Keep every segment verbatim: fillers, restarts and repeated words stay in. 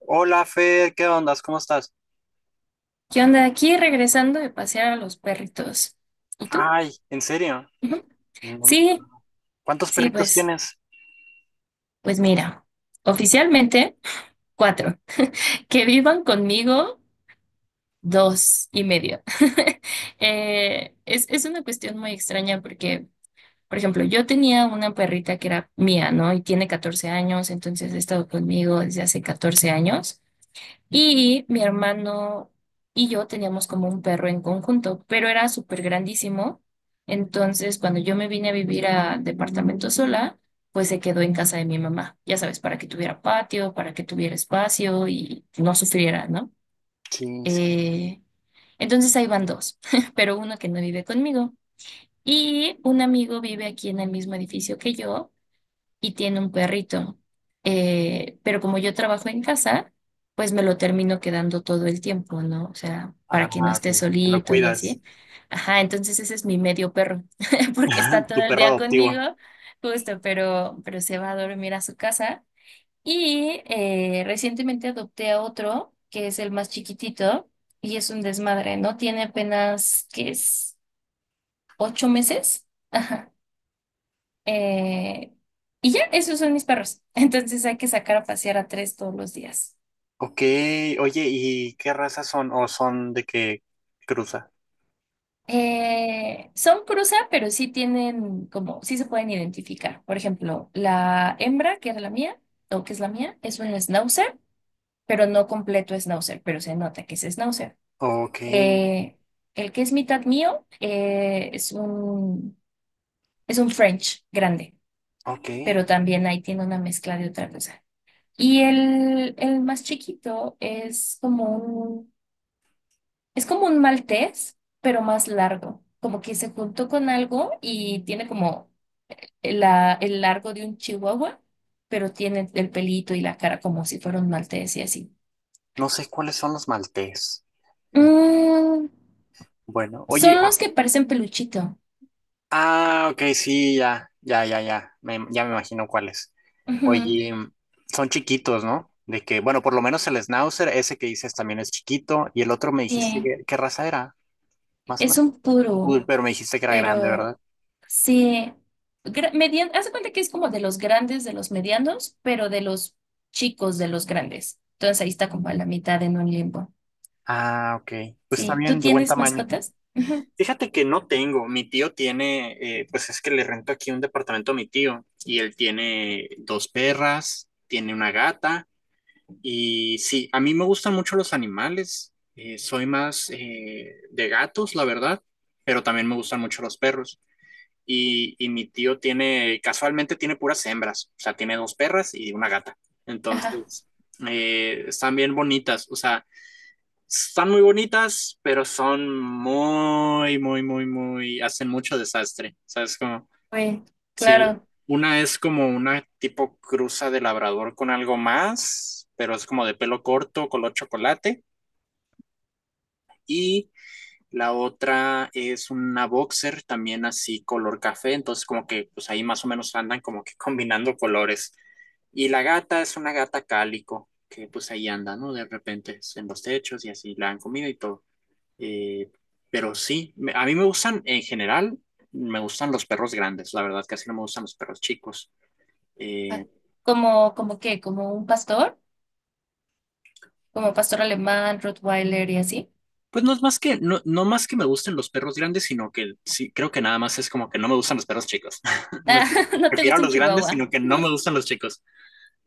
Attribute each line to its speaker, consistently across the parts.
Speaker 1: Hola, Fer, ¿qué ondas? ¿Cómo estás?
Speaker 2: ¿Qué onda? Aquí regresando de pasear a los perritos. ¿Y tú?
Speaker 1: Ay, ¿en serio?
Speaker 2: Ujú.
Speaker 1: No.
Speaker 2: Sí,
Speaker 1: ¿Cuántos
Speaker 2: sí,
Speaker 1: perritos
Speaker 2: pues,
Speaker 1: tienes?
Speaker 2: pues mira, oficialmente cuatro. Que vivan conmigo dos y medio. Eh, es, es una cuestión muy extraña porque, por ejemplo, yo tenía una perrita que era mía, ¿no? Y tiene catorce años, entonces ha estado conmigo desde hace catorce años. Y mi hermano y yo teníamos como un perro en conjunto, pero era súper grandísimo. Entonces, cuando yo me vine a vivir a departamento sola, pues se quedó en casa de mi mamá, ya sabes, para que tuviera patio, para que tuviera espacio y no sufriera, ¿no?
Speaker 1: Quince.
Speaker 2: Eh, entonces ahí van dos, pero uno que no vive conmigo. Y un amigo vive aquí en el mismo edificio que yo y tiene un perrito. Eh, pero como yo trabajo en casa, pues me lo termino quedando todo el tiempo, ¿no? O sea,
Speaker 1: Ah,
Speaker 2: para que no
Speaker 1: ok,
Speaker 2: esté
Speaker 1: te lo
Speaker 2: solito y
Speaker 1: cuidas.
Speaker 2: así. Ajá, entonces ese es mi medio perro, porque está todo
Speaker 1: Tu
Speaker 2: el
Speaker 1: perro
Speaker 2: día
Speaker 1: adoptivo.
Speaker 2: conmigo, justo, pero, pero se va a dormir a su casa. Y eh, recientemente adopté a otro, que es el más chiquitito, y es un desmadre, ¿no? Tiene apenas, ¿qué es? ¿Ocho meses? Ajá. Eh, y ya, esos son mis perros. Entonces hay que sacar a pasear a tres todos los días.
Speaker 1: Ok, oye, ¿y qué razas son? ¿O son de qué cruza?
Speaker 2: Eh, son cruza, pero sí tienen como, sí se pueden identificar. Por ejemplo, la hembra, que era la mía, o que es la mía, es un schnauzer, pero no completo schnauzer, pero se nota que es schnauzer.
Speaker 1: Ok,
Speaker 2: Eh, el que es mitad mío eh, es un, es un French grande,
Speaker 1: ok.
Speaker 2: pero también ahí tiene una mezcla de otra cosa. Y el, el más chiquito es como un es como un maltés, pero más largo. Como que se juntó con algo y tiene como la- el largo de un chihuahua, pero tiene el pelito y la cara como si fuera un maltés y así.
Speaker 1: No sé cuáles son los maltés. Eh,
Speaker 2: Mm,
Speaker 1: Bueno, oye,
Speaker 2: Son los que parecen peluchito.
Speaker 1: ah, ok, sí, ya, ya, ya, ya, me- ya me imagino cuáles.
Speaker 2: Ujú.
Speaker 1: Oye, son chiquitos, ¿no? De que, bueno, por lo menos el Schnauzer, ese que dices también es chiquito, y el otro me
Speaker 2: Sí,
Speaker 1: dijiste que, ¿qué raza era? Más o
Speaker 2: es
Speaker 1: menos.
Speaker 2: un
Speaker 1: Uy,
Speaker 2: puro,
Speaker 1: pero me dijiste que era grande,
Speaker 2: pero
Speaker 1: ¿verdad?
Speaker 2: sí. Gra- median- haz de cuenta que es como de los grandes, de los medianos, pero de los chicos, de los grandes. Entonces ahí está como a la mitad en un limbo.
Speaker 1: Ah, ok, pues está
Speaker 2: Sí, ¿tú
Speaker 1: bien, de buen
Speaker 2: tienes
Speaker 1: tamaño.
Speaker 2: mascotas? Ujú.
Speaker 1: Fíjate que no tengo, mi tío tiene, eh, pues es que le rento aquí un departamento a mi tío, y él tiene dos perras, tiene una gata. Y sí, a mí me gustan mucho los animales. eh, soy más eh, de gatos, la verdad, pero también me gustan mucho los perros. Y, y mi tío tiene, casualmente tiene puras hembras, o sea, tiene dos perras y una gata.
Speaker 2: Ajá,
Speaker 1: Entonces, eh, están bien bonitas, o sea, están muy bonitas, pero son muy, muy, muy, muy, hacen mucho desastre. ¿Sabes cómo?
Speaker 2: bueno,
Speaker 1: Sí,
Speaker 2: claro.
Speaker 1: una es como una tipo cruza de labrador con algo más, pero es como de pelo corto, color chocolate. Y la otra es una boxer también así color café, entonces como que pues ahí más o menos andan como que combinando colores. Y la gata es una gata cálico, que pues ahí anda, ¿no? De repente en los techos y así la han comido y todo. Eh, pero sí, me- a mí me gustan en general, me gustan los perros grandes, la verdad casi no me gustan los perros chicos.
Speaker 2: Ah.
Speaker 1: Eh,
Speaker 2: ¿Como, como qué? ¿Como un pastor? ¿Como pastor alemán, Rottweiler y así?
Speaker 1: Pues no es más que, no, no más que me gusten los perros grandes, sino que sí, creo que nada más es como que no me gustan los perros chicos. No es
Speaker 2: Ah,
Speaker 1: que
Speaker 2: no te
Speaker 1: prefiero a
Speaker 2: gusta un
Speaker 1: los grandes,
Speaker 2: chihuahua.
Speaker 1: sino que no me gustan los chicos.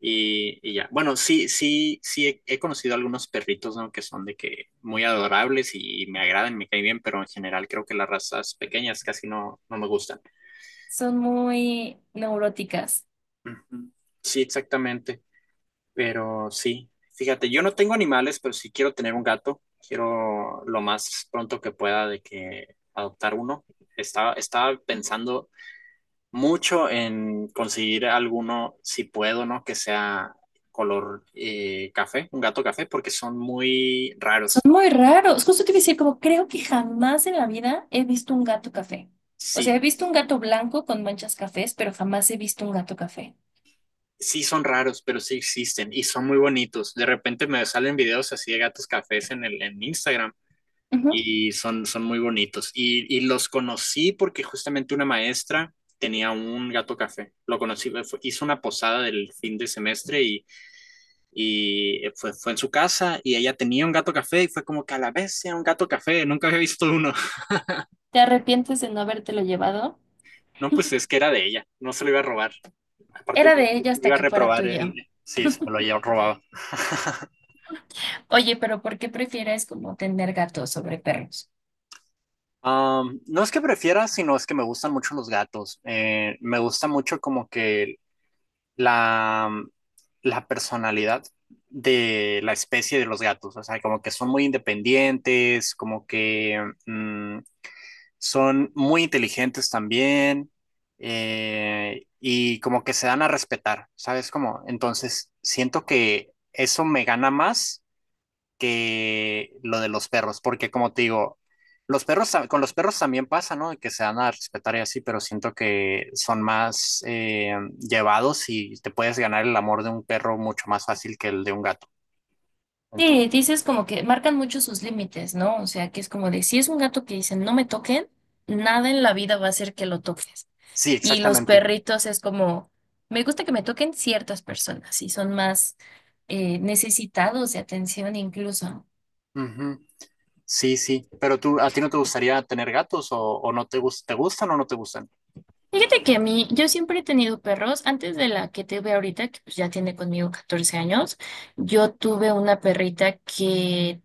Speaker 1: Y, y ya. Bueno, sí, sí, sí he, he conocido algunos perritos, ¿no? Que son de que muy adorables y, me agradan, me caen bien, pero en general creo que las razas pequeñas casi no, no me gustan.
Speaker 2: Son muy neuróticas.
Speaker 1: Ujú. Sí, exactamente. Pero sí, fíjate, yo no tengo animales, pero sí quiero tener un gato. Quiero lo más pronto que pueda de que adoptar uno. Estaba, estaba pensando mucho en conseguir alguno, si puedo, ¿no? Que sea color eh, café, un gato café, porque son muy
Speaker 2: Son
Speaker 1: raros.
Speaker 2: muy raros. Justo te iba a decir, como creo que jamás en la vida he visto un gato café. O sea, he
Speaker 1: Sí,
Speaker 2: visto un gato blanco con manchas cafés, pero jamás he visto un gato café.
Speaker 1: sí son raros, pero sí existen y son muy bonitos. De repente me salen videos así de gatos cafés en el, en Instagram.
Speaker 2: Ujú.
Speaker 1: Y son, son muy bonitos. Y, y los conocí porque justamente una maestra tenía un gato café. Lo conocí, fue- hizo una posada del fin de semestre y, y eh, fue, fue en su casa y ella tenía un gato café y fue como que a la vez sea un gato café, nunca había visto uno.
Speaker 2: ¿Te arrepientes de no habértelo llevado?
Speaker 1: No, pues es que era de ella, no se lo iba a robar. Aparte,
Speaker 2: Era de ella
Speaker 1: me
Speaker 2: hasta
Speaker 1: iba a
Speaker 2: que fuera
Speaker 1: reprobar el...
Speaker 2: tuyo.
Speaker 1: Sí, se me lo había robado.
Speaker 2: Oye, pero ¿por qué prefieres como tener gatos sobre perros?
Speaker 1: Um, no es que prefiera, sino es que me gustan mucho los gatos. Eh, me gusta mucho como que la, mm, la personalidad de la especie de los gatos. O sea, como que son muy independientes, como que mm, son muy inteligentes también. eh, y como que se dan a respetar, ¿sabes? Como, entonces siento que eso me gana más que lo de los perros, porque como te digo, los perros, con los perros también pasa, ¿no? Que se dan a respetar y así, pero siento que son más eh, llevados y te puedes ganar el amor de un perro mucho más fácil que el de un gato.
Speaker 2: Sí,
Speaker 1: Entonces,
Speaker 2: dices como que marcan mucho sus límites, ¿no? O sea, que es como de si es un gato que dicen no me toquen, nada en la vida va a hacer que lo toques.
Speaker 1: sí,
Speaker 2: Y los
Speaker 1: exactamente.
Speaker 2: perritos es como, me gusta que me toquen ciertas personas y son más eh, necesitados de atención incluso.
Speaker 1: Ujú. Sí, sí. Pero tú, ¿a ti no te gustaría tener gatos o, o no te, gus- te gustan o no te gustan?
Speaker 2: Fíjate que a mí, yo siempre he tenido perros, antes de la que tuve ahorita, que pues ya tiene conmigo catorce años, yo tuve una perrita que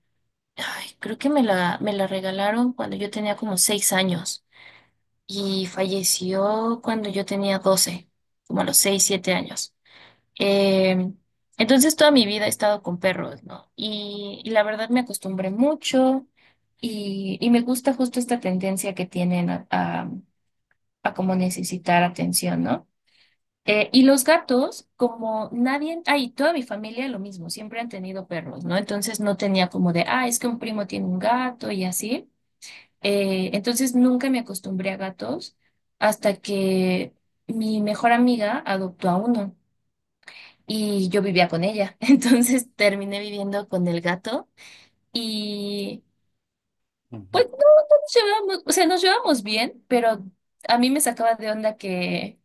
Speaker 2: ay, creo que me la, me la regalaron cuando yo tenía como seis años y falleció cuando yo tenía doce como a los seis, siete años. Eh, entonces toda mi vida he estado con perros, ¿no? Y, y la verdad me acostumbré mucho y, y me gusta justo esta tendencia que tienen a, a, a, como necesitar atención, ¿no? Eh, y los gatos, como nadie, ay, toda mi familia lo mismo, siempre han tenido perros, ¿no? Entonces no tenía como de, ah, es que un primo tiene un gato y así. Eh, entonces nunca me acostumbré a gatos hasta que mi mejor amiga adoptó a uno y yo vivía con ella. Entonces terminé viviendo con el gato y
Speaker 1: Ujú.
Speaker 2: pues no nos llevábamos, o sea, nos llevamos bien, pero a mí me sacaba de onda que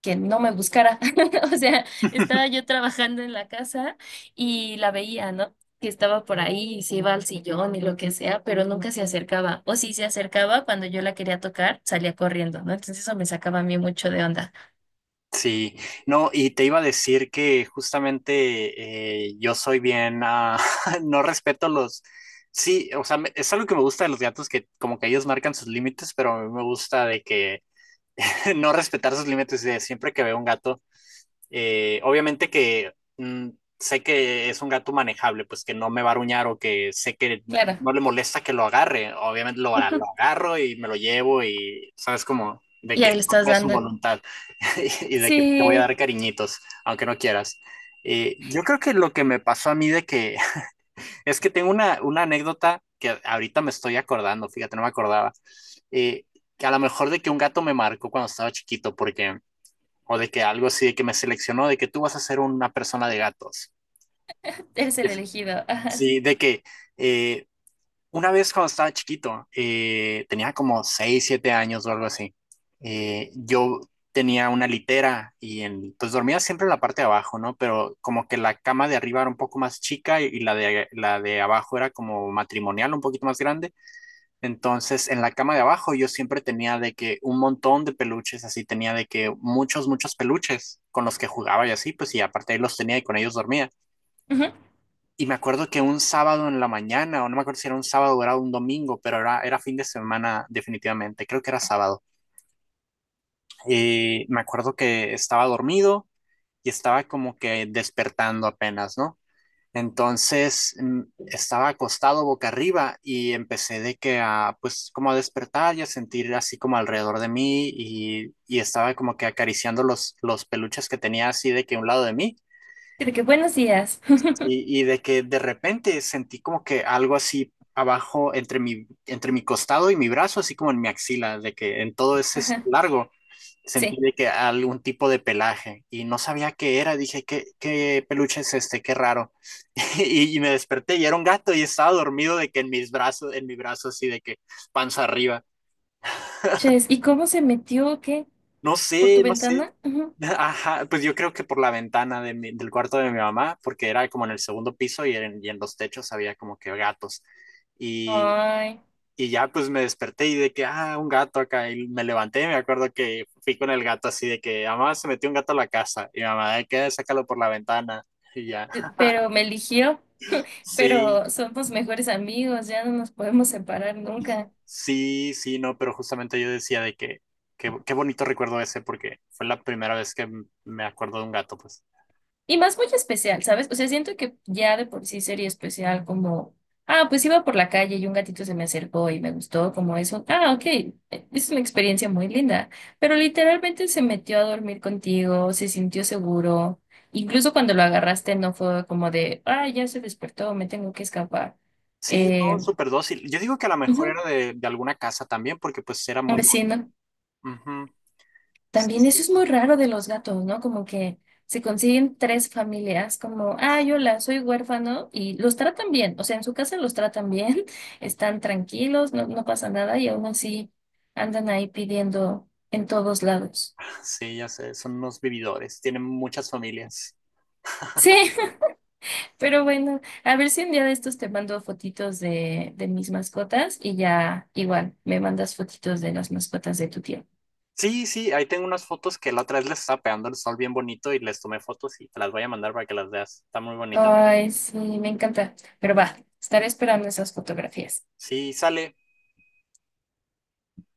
Speaker 2: que no me buscara. O sea, estaba yo trabajando en la casa y la veía, ¿no? Que estaba por ahí y se iba al sillón y lo que sea, pero nunca se acercaba. O si se acercaba, cuando yo la quería tocar, salía corriendo, ¿no? Entonces eso me sacaba a mí mucho de onda.
Speaker 1: Sí, no, y te iba a decir que justamente eh, yo soy bien, ah, no respeto los, sí, o sea, me- es algo que me gusta de los gatos, que como que ellos marcan sus límites, pero a mí me gusta de que no respetar sus límites, de siempre que veo un gato eh, obviamente que mm, sé que es un gato manejable, pues que no me va a aruñar o que sé que
Speaker 2: Claro.
Speaker 1: no le molesta que lo agarre. Obviamente lo, a- lo agarro y me lo llevo y sabes como de
Speaker 2: Y
Speaker 1: que
Speaker 2: ahí le estás
Speaker 1: no es su
Speaker 2: dando.
Speaker 1: voluntad y de que te voy a
Speaker 2: Sí,
Speaker 1: dar cariñitos, aunque no quieras. Eh, yo creo que lo que me pasó a mí de que es que tengo una, una anécdota que ahorita me estoy acordando, fíjate, no me acordaba, eh, que a lo mejor de que un gato me marcó cuando estaba chiquito, porque o de que algo así, de que me seleccionó, de que tú vas a ser una persona de gatos.
Speaker 2: eres el elegido. Ajá.
Speaker 1: Sí, de que eh, una vez cuando estaba chiquito, eh, tenía como seis siete años o algo así, eh, yo tenía una litera y en- pues dormía siempre en la parte de abajo, ¿no? Pero como que la cama de arriba era un poco más chica y, y la de, la de abajo era como matrimonial, un poquito más grande. Entonces, en la cama de abajo yo siempre tenía de que un montón de peluches, así tenía de que muchos, muchos peluches con los que jugaba y así, pues y aparte ahí los tenía y con ellos dormía.
Speaker 2: Ujú.
Speaker 1: Y me acuerdo que un sábado en la mañana, o no me acuerdo si era un sábado o era un domingo, pero era, era fin de semana definitivamente, creo que era sábado. Y me acuerdo que estaba dormido y estaba como que despertando apenas, ¿no? Entonces mm, estaba acostado boca arriba y empecé de que a, pues como a despertar y a sentir así como alrededor de mí y, y estaba como que acariciando los, los peluches que tenía así de que a un lado de mí
Speaker 2: Y de que buenos días.
Speaker 1: y, y de que de repente sentí como que algo así abajo entre mi, entre mi costado y mi brazo, así como en mi axila, de que en todo ese
Speaker 2: Ajá.
Speaker 1: largo sentí
Speaker 2: Sí.
Speaker 1: de que algún tipo de pelaje y no sabía qué era. Dije, ¿qué, qué peluche es este? Qué raro. Y, y me desperté y era un gato y estaba dormido de que en mis brazos, en mi brazo así de que panza arriba.
Speaker 2: Ches, ¿y cómo se metió? ¿Qué?
Speaker 1: No
Speaker 2: ¿Por tu
Speaker 1: sé, no sé.
Speaker 2: ventana? Ujú.
Speaker 1: Ajá, pues yo creo que por la ventana de mi- del cuarto de mi mamá, porque era como en el segundo piso y en, y en los techos había como que gatos. Y,
Speaker 2: Ay,
Speaker 1: y ya pues me desperté y de que, ah, un gato acá. Y me levanté, y me acuerdo que fui con el gato así de que, "Ah, mamá, se metió un gato a la casa." Y mi mamá, de que "Ah, sácalo por la ventana." Y ya.
Speaker 2: pero me eligió.
Speaker 1: Sí,
Speaker 2: Pero somos mejores amigos, ya no nos podemos separar nunca.
Speaker 1: sí, sí, no, pero justamente yo decía de que, que- qué bonito recuerdo ese, porque fue la primera vez que m- me acuerdo de un gato, pues.
Speaker 2: Y más muy especial, ¿sabes? O sea, siento que ya de por sí sería especial como, ah, pues iba por la calle y un gatito se me acercó y me gustó, como eso. Ah, ok, eh, es una experiencia muy linda, pero literalmente se metió a dormir contigo, se sintió seguro. Incluso cuando lo agarraste no fue como de, ah, ya se despertó, me tengo que escapar.
Speaker 1: Sí, no,
Speaker 2: Eh,
Speaker 1: súper dócil. Yo digo que a lo mejor era
Speaker 2: Ujú,
Speaker 1: de, de alguna casa también, porque pues era
Speaker 2: un
Speaker 1: muy duro.
Speaker 2: vecino.
Speaker 1: Ujú. Sí,
Speaker 2: También
Speaker 1: sí.
Speaker 2: eso es muy raro de los gatos, ¿no? Como que se consiguen tres familias, como, ah, yo la soy huérfano, y los tratan bien, o sea, en su casa los tratan bien, están tranquilos, no, no pasa nada, y aún así andan ahí pidiendo en todos lados.
Speaker 1: Sí, ya sé, son unos vividores, tienen muchas familias.
Speaker 2: Sí, pero bueno, a ver si un día de estos te mando fotitos de, de mis mascotas y ya igual me mandas fotitos de las mascotas de tu tío.
Speaker 1: Sí, sí, ahí tengo unas fotos que la otra vez les estaba pegando el sol bien bonito y les tomé fotos y te las voy a mandar para que las veas. Están muy bonitas.
Speaker 2: Ay, sí, me encanta, pero va, estaré esperando esas fotografías.
Speaker 1: Sí, sale.